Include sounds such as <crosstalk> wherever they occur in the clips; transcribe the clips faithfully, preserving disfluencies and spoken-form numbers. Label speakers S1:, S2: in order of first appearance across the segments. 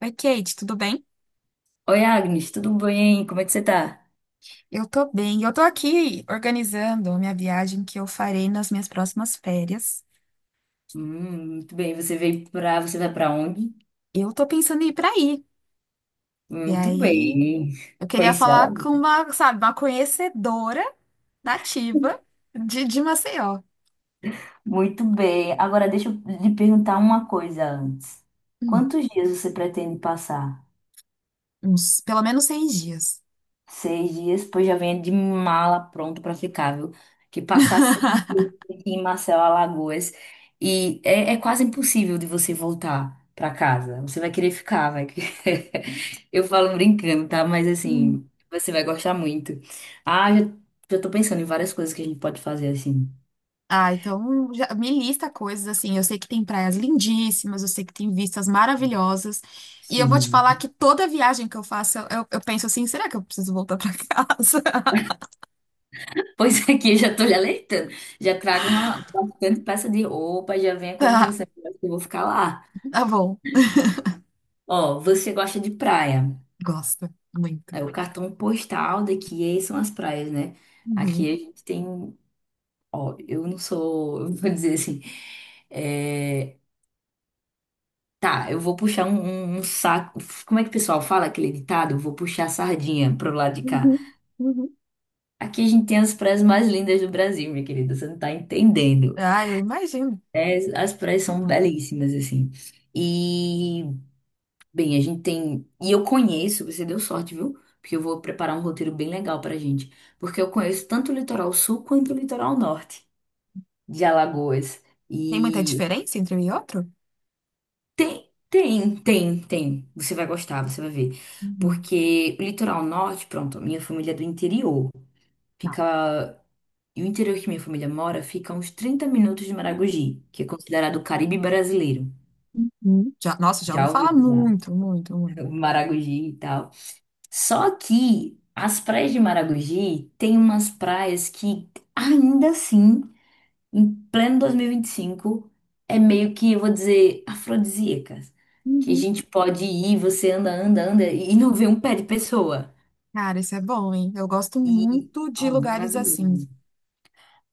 S1: Oi, Kate, tudo bem?
S2: Oi, Agnes, tudo bem? Como é que você tá?
S1: Eu tô bem. Eu tô aqui organizando a minha viagem que eu farei nas minhas próximas férias.
S2: Hum, muito bem. Você veio pra. Você vai pra onde?
S1: Eu tô pensando em ir pra aí. E
S2: Muito
S1: aí,
S2: bem.
S1: eu queria
S2: Conheci ela.
S1: falar com uma, sabe, uma conhecedora nativa de, de Maceió.
S2: Muito bem. Agora deixa eu lhe perguntar uma coisa antes.
S1: Hum,
S2: Quantos dias você pretende passar?
S1: uns, pelo menos seis dias.
S2: Seis dias, pois já venha de mala pronto para ficar, viu? Que passar seis dias aqui em Marcelo Alagoas e é, é quase impossível de você voltar para casa. Você vai querer ficar, vai. querer- <laughs> Eu falo brincando, tá? Mas
S1: Sim.
S2: assim, você vai gostar muito. Ah, já, já tô pensando em várias coisas que a gente pode fazer assim.
S1: Ah, então já me lista coisas assim. Eu sei que tem praias lindíssimas, eu sei que tem vistas maravilhosas. E eu vou te falar
S2: Sim.
S1: que toda viagem que eu faço, eu, eu penso assim: será que eu preciso voltar pra <laughs> casa?
S2: Pois aqui eu já tô lhe alertando. Já trago uma bastante peça de roupa, já venha
S1: <laughs>
S2: com a
S1: Tá,
S2: intenção que eu vou ficar lá.
S1: tá bom.
S2: Ó, você gosta de praia.
S1: Gosta muito.
S2: É, o cartão postal daqui é- são as praias, né? Aqui
S1: Uhum,
S2: a gente tem. Ó, eu não sou. <laughs> Eu vou dizer assim. é, tá, eu vou puxar um, um- um saco. Como é que o pessoal fala aquele ditado? Eu vou puxar a sardinha pro lado de cá.
S1: uhum, uhum.
S2: Aqui a gente tem as praias mais lindas do Brasil, minha querida. Você não tá entendendo.
S1: Ah, eu imagino.
S2: É, as praias são belíssimas, assim. E. Bem, a gente tem. E eu conheço, você deu sorte, viu? Porque eu vou preparar um roteiro bem legal pra gente. Porque eu conheço tanto o litoral sul quanto o litoral norte de Alagoas.
S1: Tem muita
S2: E
S1: diferença entre um e outro?
S2: tem, tem, tem, tem. Você vai gostar, você vai ver.
S1: Uhum.
S2: Porque o litoral norte, pronto, a minha família é do interior.
S1: Tá.
S2: Fica. E o interior que minha família mora fica a uns trinta minutos de Maragogi, que é considerado o Caribe brasileiro.
S1: Uhum. Já, nossa, já ouvi
S2: Já ouviu
S1: falar
S2: falar?
S1: muito, muito, muito.
S2: <laughs> Maragogi e tal. Só que as praias de Maragogi tem umas praias que ainda assim, em pleno dois mil e vinte e cinco, é meio que, eu vou dizer, afrodisíacas. Que a
S1: Uhum.
S2: gente pode ir, você anda, anda, anda e não vê um pé de pessoa.
S1: Cara, isso é bom, hein? Eu gosto
S2: E,
S1: muito de
S2: ó,
S1: lugares assim.
S2: maravilhoso.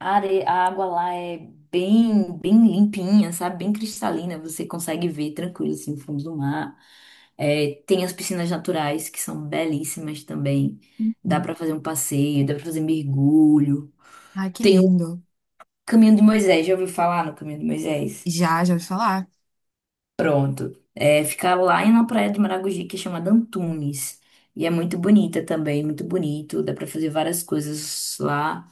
S2: A, are... a água lá é bem, bem limpinha, sabe? Bem cristalina. Você consegue ver tranquilo, assim, o fundo do mar. É, tem as piscinas naturais, que são belíssimas também. Dá
S1: Uhum.
S2: pra fazer um passeio, dá pra fazer mergulho.
S1: Ai, que
S2: Tem o
S1: lindo.
S2: Caminho de Moisés, já ouviu falar no Caminho de Moisés?
S1: Já, já ouvi falar?
S2: Pronto. É, fica lá na praia de Maragogi, que é chamada Antunes. E é muito bonita também, muito bonito. Dá pra fazer várias coisas lá.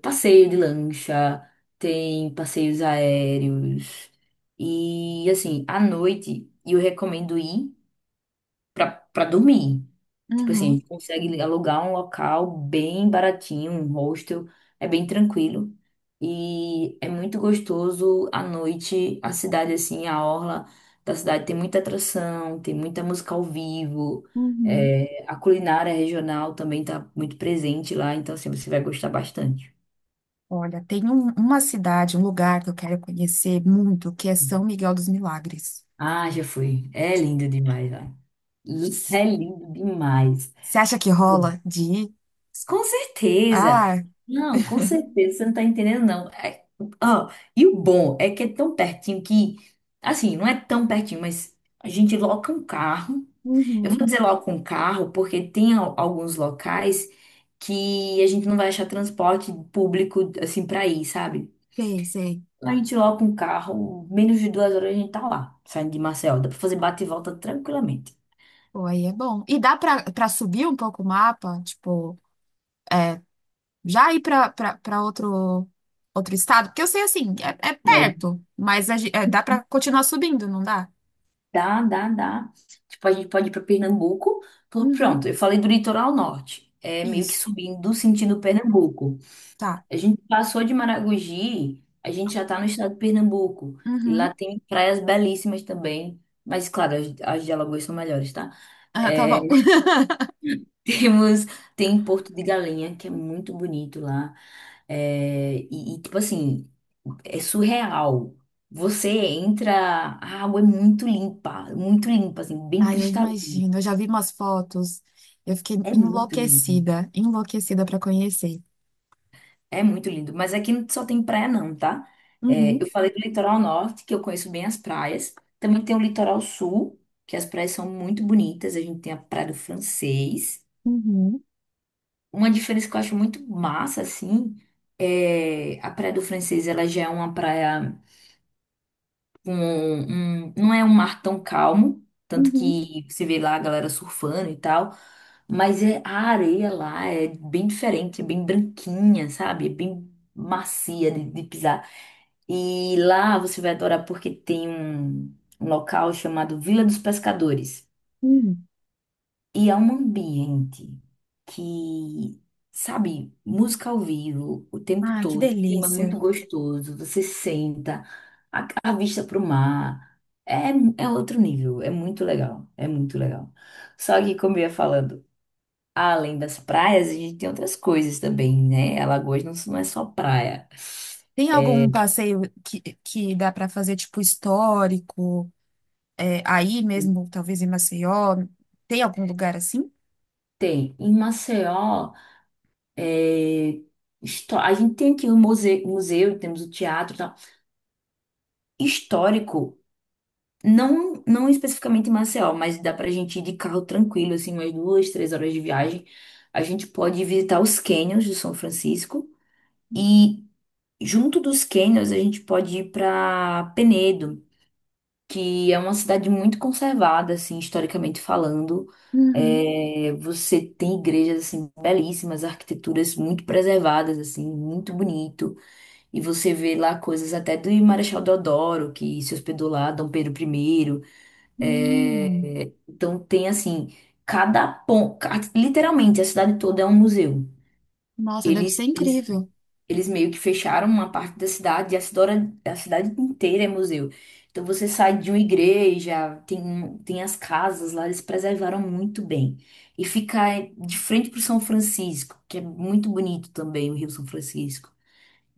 S2: Passeio de lancha, tem passeios aéreos. E assim, à noite eu recomendo ir pra, pra dormir. Tipo assim, a
S1: Uhum,
S2: gente consegue alugar um local bem baratinho, um hostel, é bem tranquilo. E é muito gostoso à noite, a cidade assim, a orla da cidade tem muita atração, tem muita música ao vivo.
S1: uhum.
S2: É, a culinária regional também está muito presente lá, então assim, você vai gostar bastante.
S1: Olha, tem um- uma cidade, um lugar que eu quero conhecer muito, que é São Miguel dos Milagres.
S2: Ah, já fui. É lindo demais lá. Li- É lindo demais.
S1: Você acha que rola de ir?
S2: Com certeza.
S1: Ah,
S2: Não, com certeza. Você não tá entendendo, não. É- ó, e o bom é que é tão pertinho que, assim, não é tão pertinho, mas a gente loca um carro. Eu
S1: uhum.
S2: vou dizer loca um carro, porque tem al- alguns locais que a gente não vai achar transporte público, assim, pra ir, sabe?
S1: Sei, sei.
S2: A gente loca um carro, menos de duas horas a gente tá lá, saindo de Marcel. Dá pra fazer bate e volta tranquilamente.
S1: Pô, aí é bom. E dá pra, pra subir um pouco o mapa? Tipo, é, já ir pra, pra, pra outro, outro estado? Porque eu sei assim, é, é perto, mas a gen- é, dá pra continuar subindo, não dá?
S2: Dá, dá, dá. Tipo, a gente pode ir para Pernambuco. Pô,
S1: Uhum.
S2: pronto, eu falei do litoral norte. É meio que
S1: Isso,
S2: subindo sentido Pernambuco.
S1: tá.
S2: A gente passou de Maragogi, a gente já tá no estado de Pernambuco. E lá
S1: Uhum.
S2: tem praias belíssimas também. Mas, claro, as, as de Alagoas são melhores, tá?
S1: Ah, tá
S2: É,
S1: bom. <laughs>
S2: <laughs> temos, tem Porto de Galinha, que é muito bonito lá. É, e, e, tipo assim, é surreal. Você entra, a água é muito limpa, muito limpa, assim, bem
S1: Ai, eu
S2: cristalina.
S1: imagino. Eu já vi umas fotos. Eu fiquei
S2: É muito lindo,
S1: enlouquecida, enlouquecida pra conhecer.
S2: é muito lindo. Mas aqui não só tem praia, não, tá? É, eu
S1: Uhum,
S2: falei do litoral norte, que eu conheço bem as praias. Também tem o litoral sul, que as praias são muito bonitas. A gente tem a Praia do Francês.
S1: uhum,
S2: Uma diferença que eu acho muito massa, assim, é a Praia do Francês, ela já é uma praia com um, um, não é um mar tão calmo, tanto
S1: uhum,
S2: que você vê lá a galera surfando e tal, mas é, a areia lá é bem diferente, é bem branquinha, sabe? É bem macia de, de pisar. E lá você vai adorar porque tem um um local chamado Vila dos Pescadores.
S1: uhum.
S2: E é um ambiente que, sabe, música ao vivo o tempo
S1: Ah, que
S2: todo, um clima muito
S1: delícia.
S2: gostoso, você senta, a, a vista para o mar. É, é outro nível, é muito legal, é muito legal. Só que, como eu ia falando, além das praias, a gente tem outras coisas também, né? Alagoas não, não é só praia.
S1: Tem algum passeio que, que dá para fazer, tipo, histórico, é, aí mesmo, talvez em Maceió? Tem algum lugar assim?
S2: Tem, em Maceió, é, histó- a gente tem aqui o museu, museu, temos o teatro e tal. Histórico. Não, não especificamente em Maceió, mas dá pra gente ir de carro tranquilo, assim, umas duas, três horas de viagem. A gente pode visitar os cânions de São Francisco e junto dos cânions a gente pode ir pra Penedo, que é uma cidade muito conservada, assim, historicamente falando.
S1: Uhum.
S2: É, você tem igrejas, assim, belíssimas, arquiteturas muito preservadas, assim, muito bonito. E você vê lá coisas até do Marechal Deodoro, que se hospedou lá, Dom Pedro Primeiro.
S1: Hum,
S2: É, então tem assim, cada ponto, literalmente a cidade toda é um museu.
S1: nossa, deve ser
S2: Eles, eles,
S1: incrível.
S2: eles meio que fecharam uma parte da cidade e a cidade, a cidade inteira é museu. Então você sai de uma igreja, tem, um, tem as casas lá, eles preservaram muito bem. E fica é, de frente para o São Francisco, que é muito bonito também, o Rio São Francisco.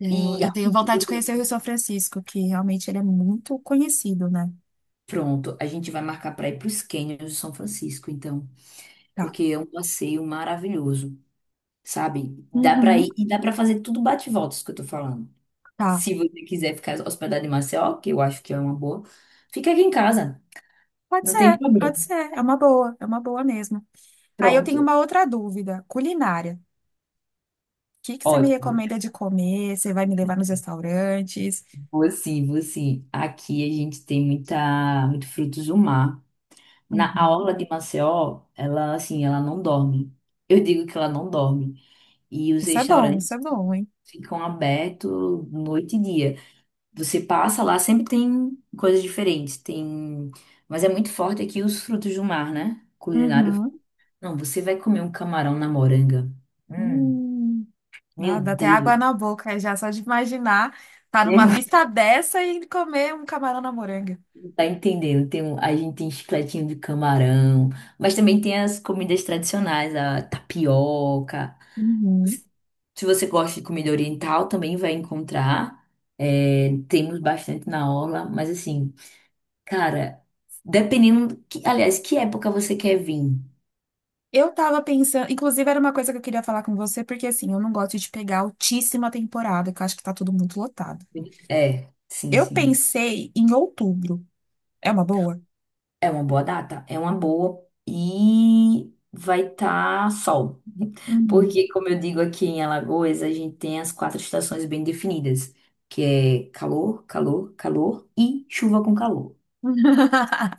S1: É,
S2: E
S1: Eu, eu
S2: a
S1: tenho vontade
S2: cultura,
S1: de conhecer o Rio São Francisco, que realmente ele é muito conhecido, né?
S2: pronto, a gente vai marcar para ir para os cânions de São Francisco, então,
S1: Tá.
S2: porque é um passeio maravilhoso. Sabe? Dá pra
S1: Uhum,
S2: ir e dá pra fazer tudo bate e volta, isso que eu tô falando.
S1: tá.
S2: Se você quiser ficar hospedado em Maceió, que eu acho que é uma boa, fica aqui em casa,
S1: Pode
S2: não tem
S1: ser,
S2: problema.
S1: pode ser. É uma boa, é uma boa mesmo. Aí eu
S2: Pronto,
S1: tenho uma outra dúvida, culinária. O que que você me
S2: ótimo.
S1: recomenda de comer? Você vai me levar nos restaurantes?
S2: Você, você, aqui a gente tem muita, muito frutos do mar. Na A
S1: Uhum.
S2: orla de Maceió, ela assim, ela não dorme. Eu digo que ela não dorme. E os
S1: Isso é bom, isso é
S2: restaurantes
S1: bom, hein?
S2: ficam abertos noite e dia. Você passa lá, sempre tem coisas diferentes. Tem, mas é muito forte aqui os frutos do mar, né? Culinário.
S1: Uhum.
S2: Não, você vai comer um camarão na moranga. Hum,
S1: Hum.
S2: meu
S1: Não, dá até água
S2: Deus,
S1: na boca já, só de imaginar tá
S2: <laughs> eu
S1: numa vista dessa e comer um camarão na moranga.
S2: não tá entendendo. Tem, um- a gente tem chicletinho de camarão, mas também tem as comidas tradicionais, a tapioca.
S1: Uhum.
S2: Se você gosta de comida oriental, também vai encontrar. É, temos bastante na orla, mas assim, cara, dependendo, que, aliás, que época você quer vir?
S1: Eu tava pensando, inclusive era uma coisa que eu queria falar com você, porque assim, eu não gosto de pegar altíssima temporada, que eu acho que tá tudo muito lotado.
S2: É, sim,
S1: Eu
S2: sim.
S1: pensei em outubro. É uma boa?
S2: É uma boa data, é uma boa e vai estar sol. <laughs>
S1: Uhum.
S2: Porque, como eu digo aqui em Alagoas, a gente tem as quatro estações bem definidas, que é calor, calor, calor e chuva com calor.
S1: <laughs>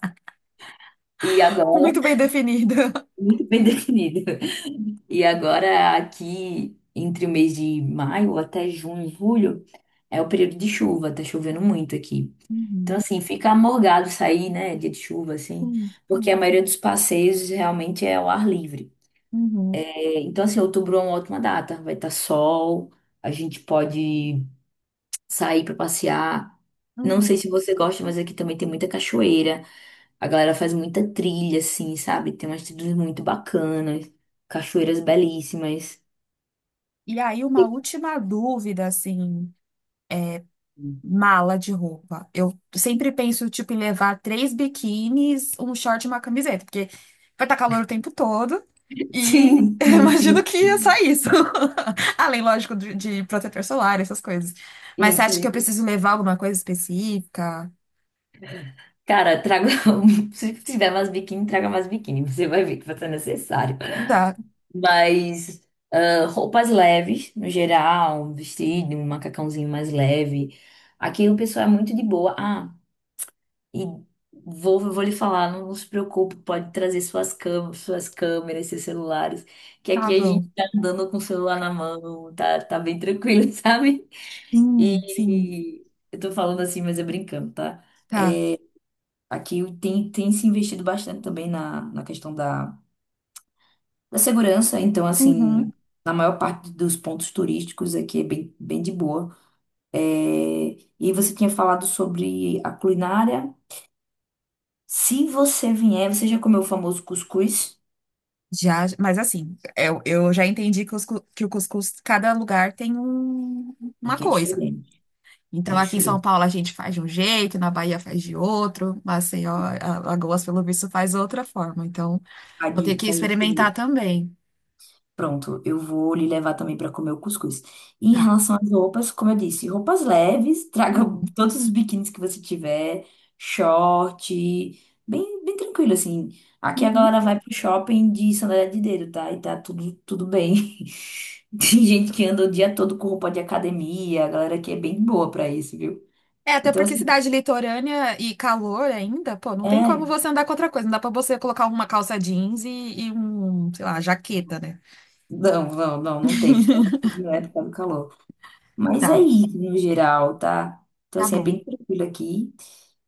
S2: E
S1: Muito
S2: agora,
S1: bem definido.
S2: <laughs> muito bem definido. E agora, aqui, entre o mês de maio até junho, julho, é o período de chuva, tá chovendo muito aqui. Então,
S1: Uhum.
S2: assim, fica amorgado sair, né, dia de chuva, assim,
S1: Uhum.
S2: porque a maioria dos passeios realmente é ao ar livre.
S1: Uhum.
S2: É, então, assim, outubro é uma ótima data, vai estar sol, a gente pode sair para passear. Não sei
S1: Uhum.
S2: se você gosta, mas aqui também tem muita cachoeira, a galera faz muita trilha, assim, sabe? Tem umas trilhas muito bacanas, cachoeiras belíssimas.
S1: E aí, uma última dúvida, assim. Mala de roupa. Eu sempre penso, tipo, em levar três biquínis, um short e uma camiseta, porque vai estar calor o tempo todo e <laughs>
S2: Sim,
S1: eu
S2: sim,
S1: imagino
S2: sim,
S1: que é só isso. <laughs> Além, lógico, de, de protetor solar, essas coisas. Mas
S2: sim,
S1: você acha que
S2: sim.
S1: eu preciso levar alguma coisa específica?
S2: Cara, traga. um- <laughs> Se tiver mais biquíni, traga mais biquíni. Você vai ver que vai ser necessário.
S1: Tá,
S2: Mas ah, roupas leves, no geral, um vestido, um macacãozinho mais leve. Aqui o pessoal é muito de boa. Ah, e vou, vou lhe falar, não, não se preocupe, pode trazer suas câmeras, suas câmeras, seus celulares. Que
S1: tá
S2: aqui a
S1: bom.
S2: gente tá andando com o celular na mão, tá, tá bem tranquilo, <laughs> sabe?
S1: Sim, sim,
S2: E eu tô falando assim, mas é brincando, tá?
S1: tá.
S2: Aqui tem, tem se investido bastante também na, na questão da, da segurança. Então,
S1: Uhum.
S2: assim, na maior parte dos pontos turísticos aqui é bem, bem de boa. É, e você tinha falado sobre a culinária. Se você vier, você já comeu o famoso cuscuz?
S1: Já, mas assim, eu, eu já entendi que, os cu- que o cuscuz, cada lugar tem um- uma
S2: Porque é
S1: coisa.
S2: diferente. É
S1: Então, aqui em São
S2: diferente.
S1: Paulo a gente faz de um jeito, na Bahia faz de outro, Maceió,
S2: É,
S1: a- Alagoas, pelo visto, faz outra forma. Então,
S2: Faz,
S1: vou ter
S2: de-
S1: que
S2: faz
S1: experimentar
S2: de-
S1: também.
S2: pronto, eu vou lhe levar também para comer o cuscuz. E em
S1: Tá.
S2: relação às roupas, como eu disse, roupas leves, <laughs> traga
S1: Uhum,
S2: todos os biquínis que você tiver, short, bem, bem tranquilo, assim. Aqui a
S1: uhum.
S2: galera vai pro shopping de sandália de dedo, tá? E tá tudo, tudo bem. <laughs> Tem gente que anda o dia todo com roupa de academia, a galera aqui é bem boa para isso, viu?
S1: É, até
S2: Então,
S1: porque
S2: assim,
S1: cidade litorânea e calor ainda, pô, não tem como
S2: é.
S1: você andar com outra coisa. Não dá pra você colocar uma calça jeans e, e um, sei lá, jaqueta, né?
S2: Não, não, não, não tem, principalmente não é por causa do calor. Mas é
S1: Tá,
S2: isso no geral, tá? Então,
S1: tá
S2: assim, é
S1: bom.
S2: bem tranquilo aqui.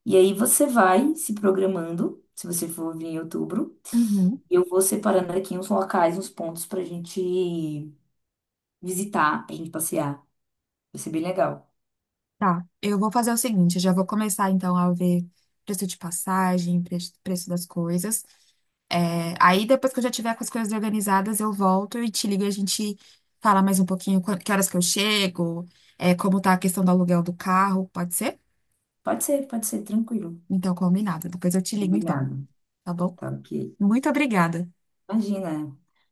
S2: E aí você vai se programando, se você for vir em outubro.
S1: Uhum.
S2: Eu vou separando aqui uns locais, uns pontos pra gente visitar, pra gente passear. Vai ser bem legal.
S1: Tá, eu vou fazer o seguinte, eu já vou começar então a ver preço de passagem, pre- preço das coisas. É, aí depois que eu já tiver com as coisas organizadas, eu volto e te ligo e a gente fala mais um pouquinho quan- que horas que eu chego, é, como tá a questão do aluguel do carro, pode ser?
S2: Pode ser, pode ser, tranquilo.
S1: Então, combinado. Depois eu te ligo então,
S2: Combinado.
S1: tá bom?
S2: Tá ok.
S1: Muito obrigada.
S2: Imagina.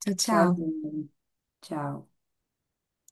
S1: Tchau, tchau.
S2: Tchauzinho. Tchau.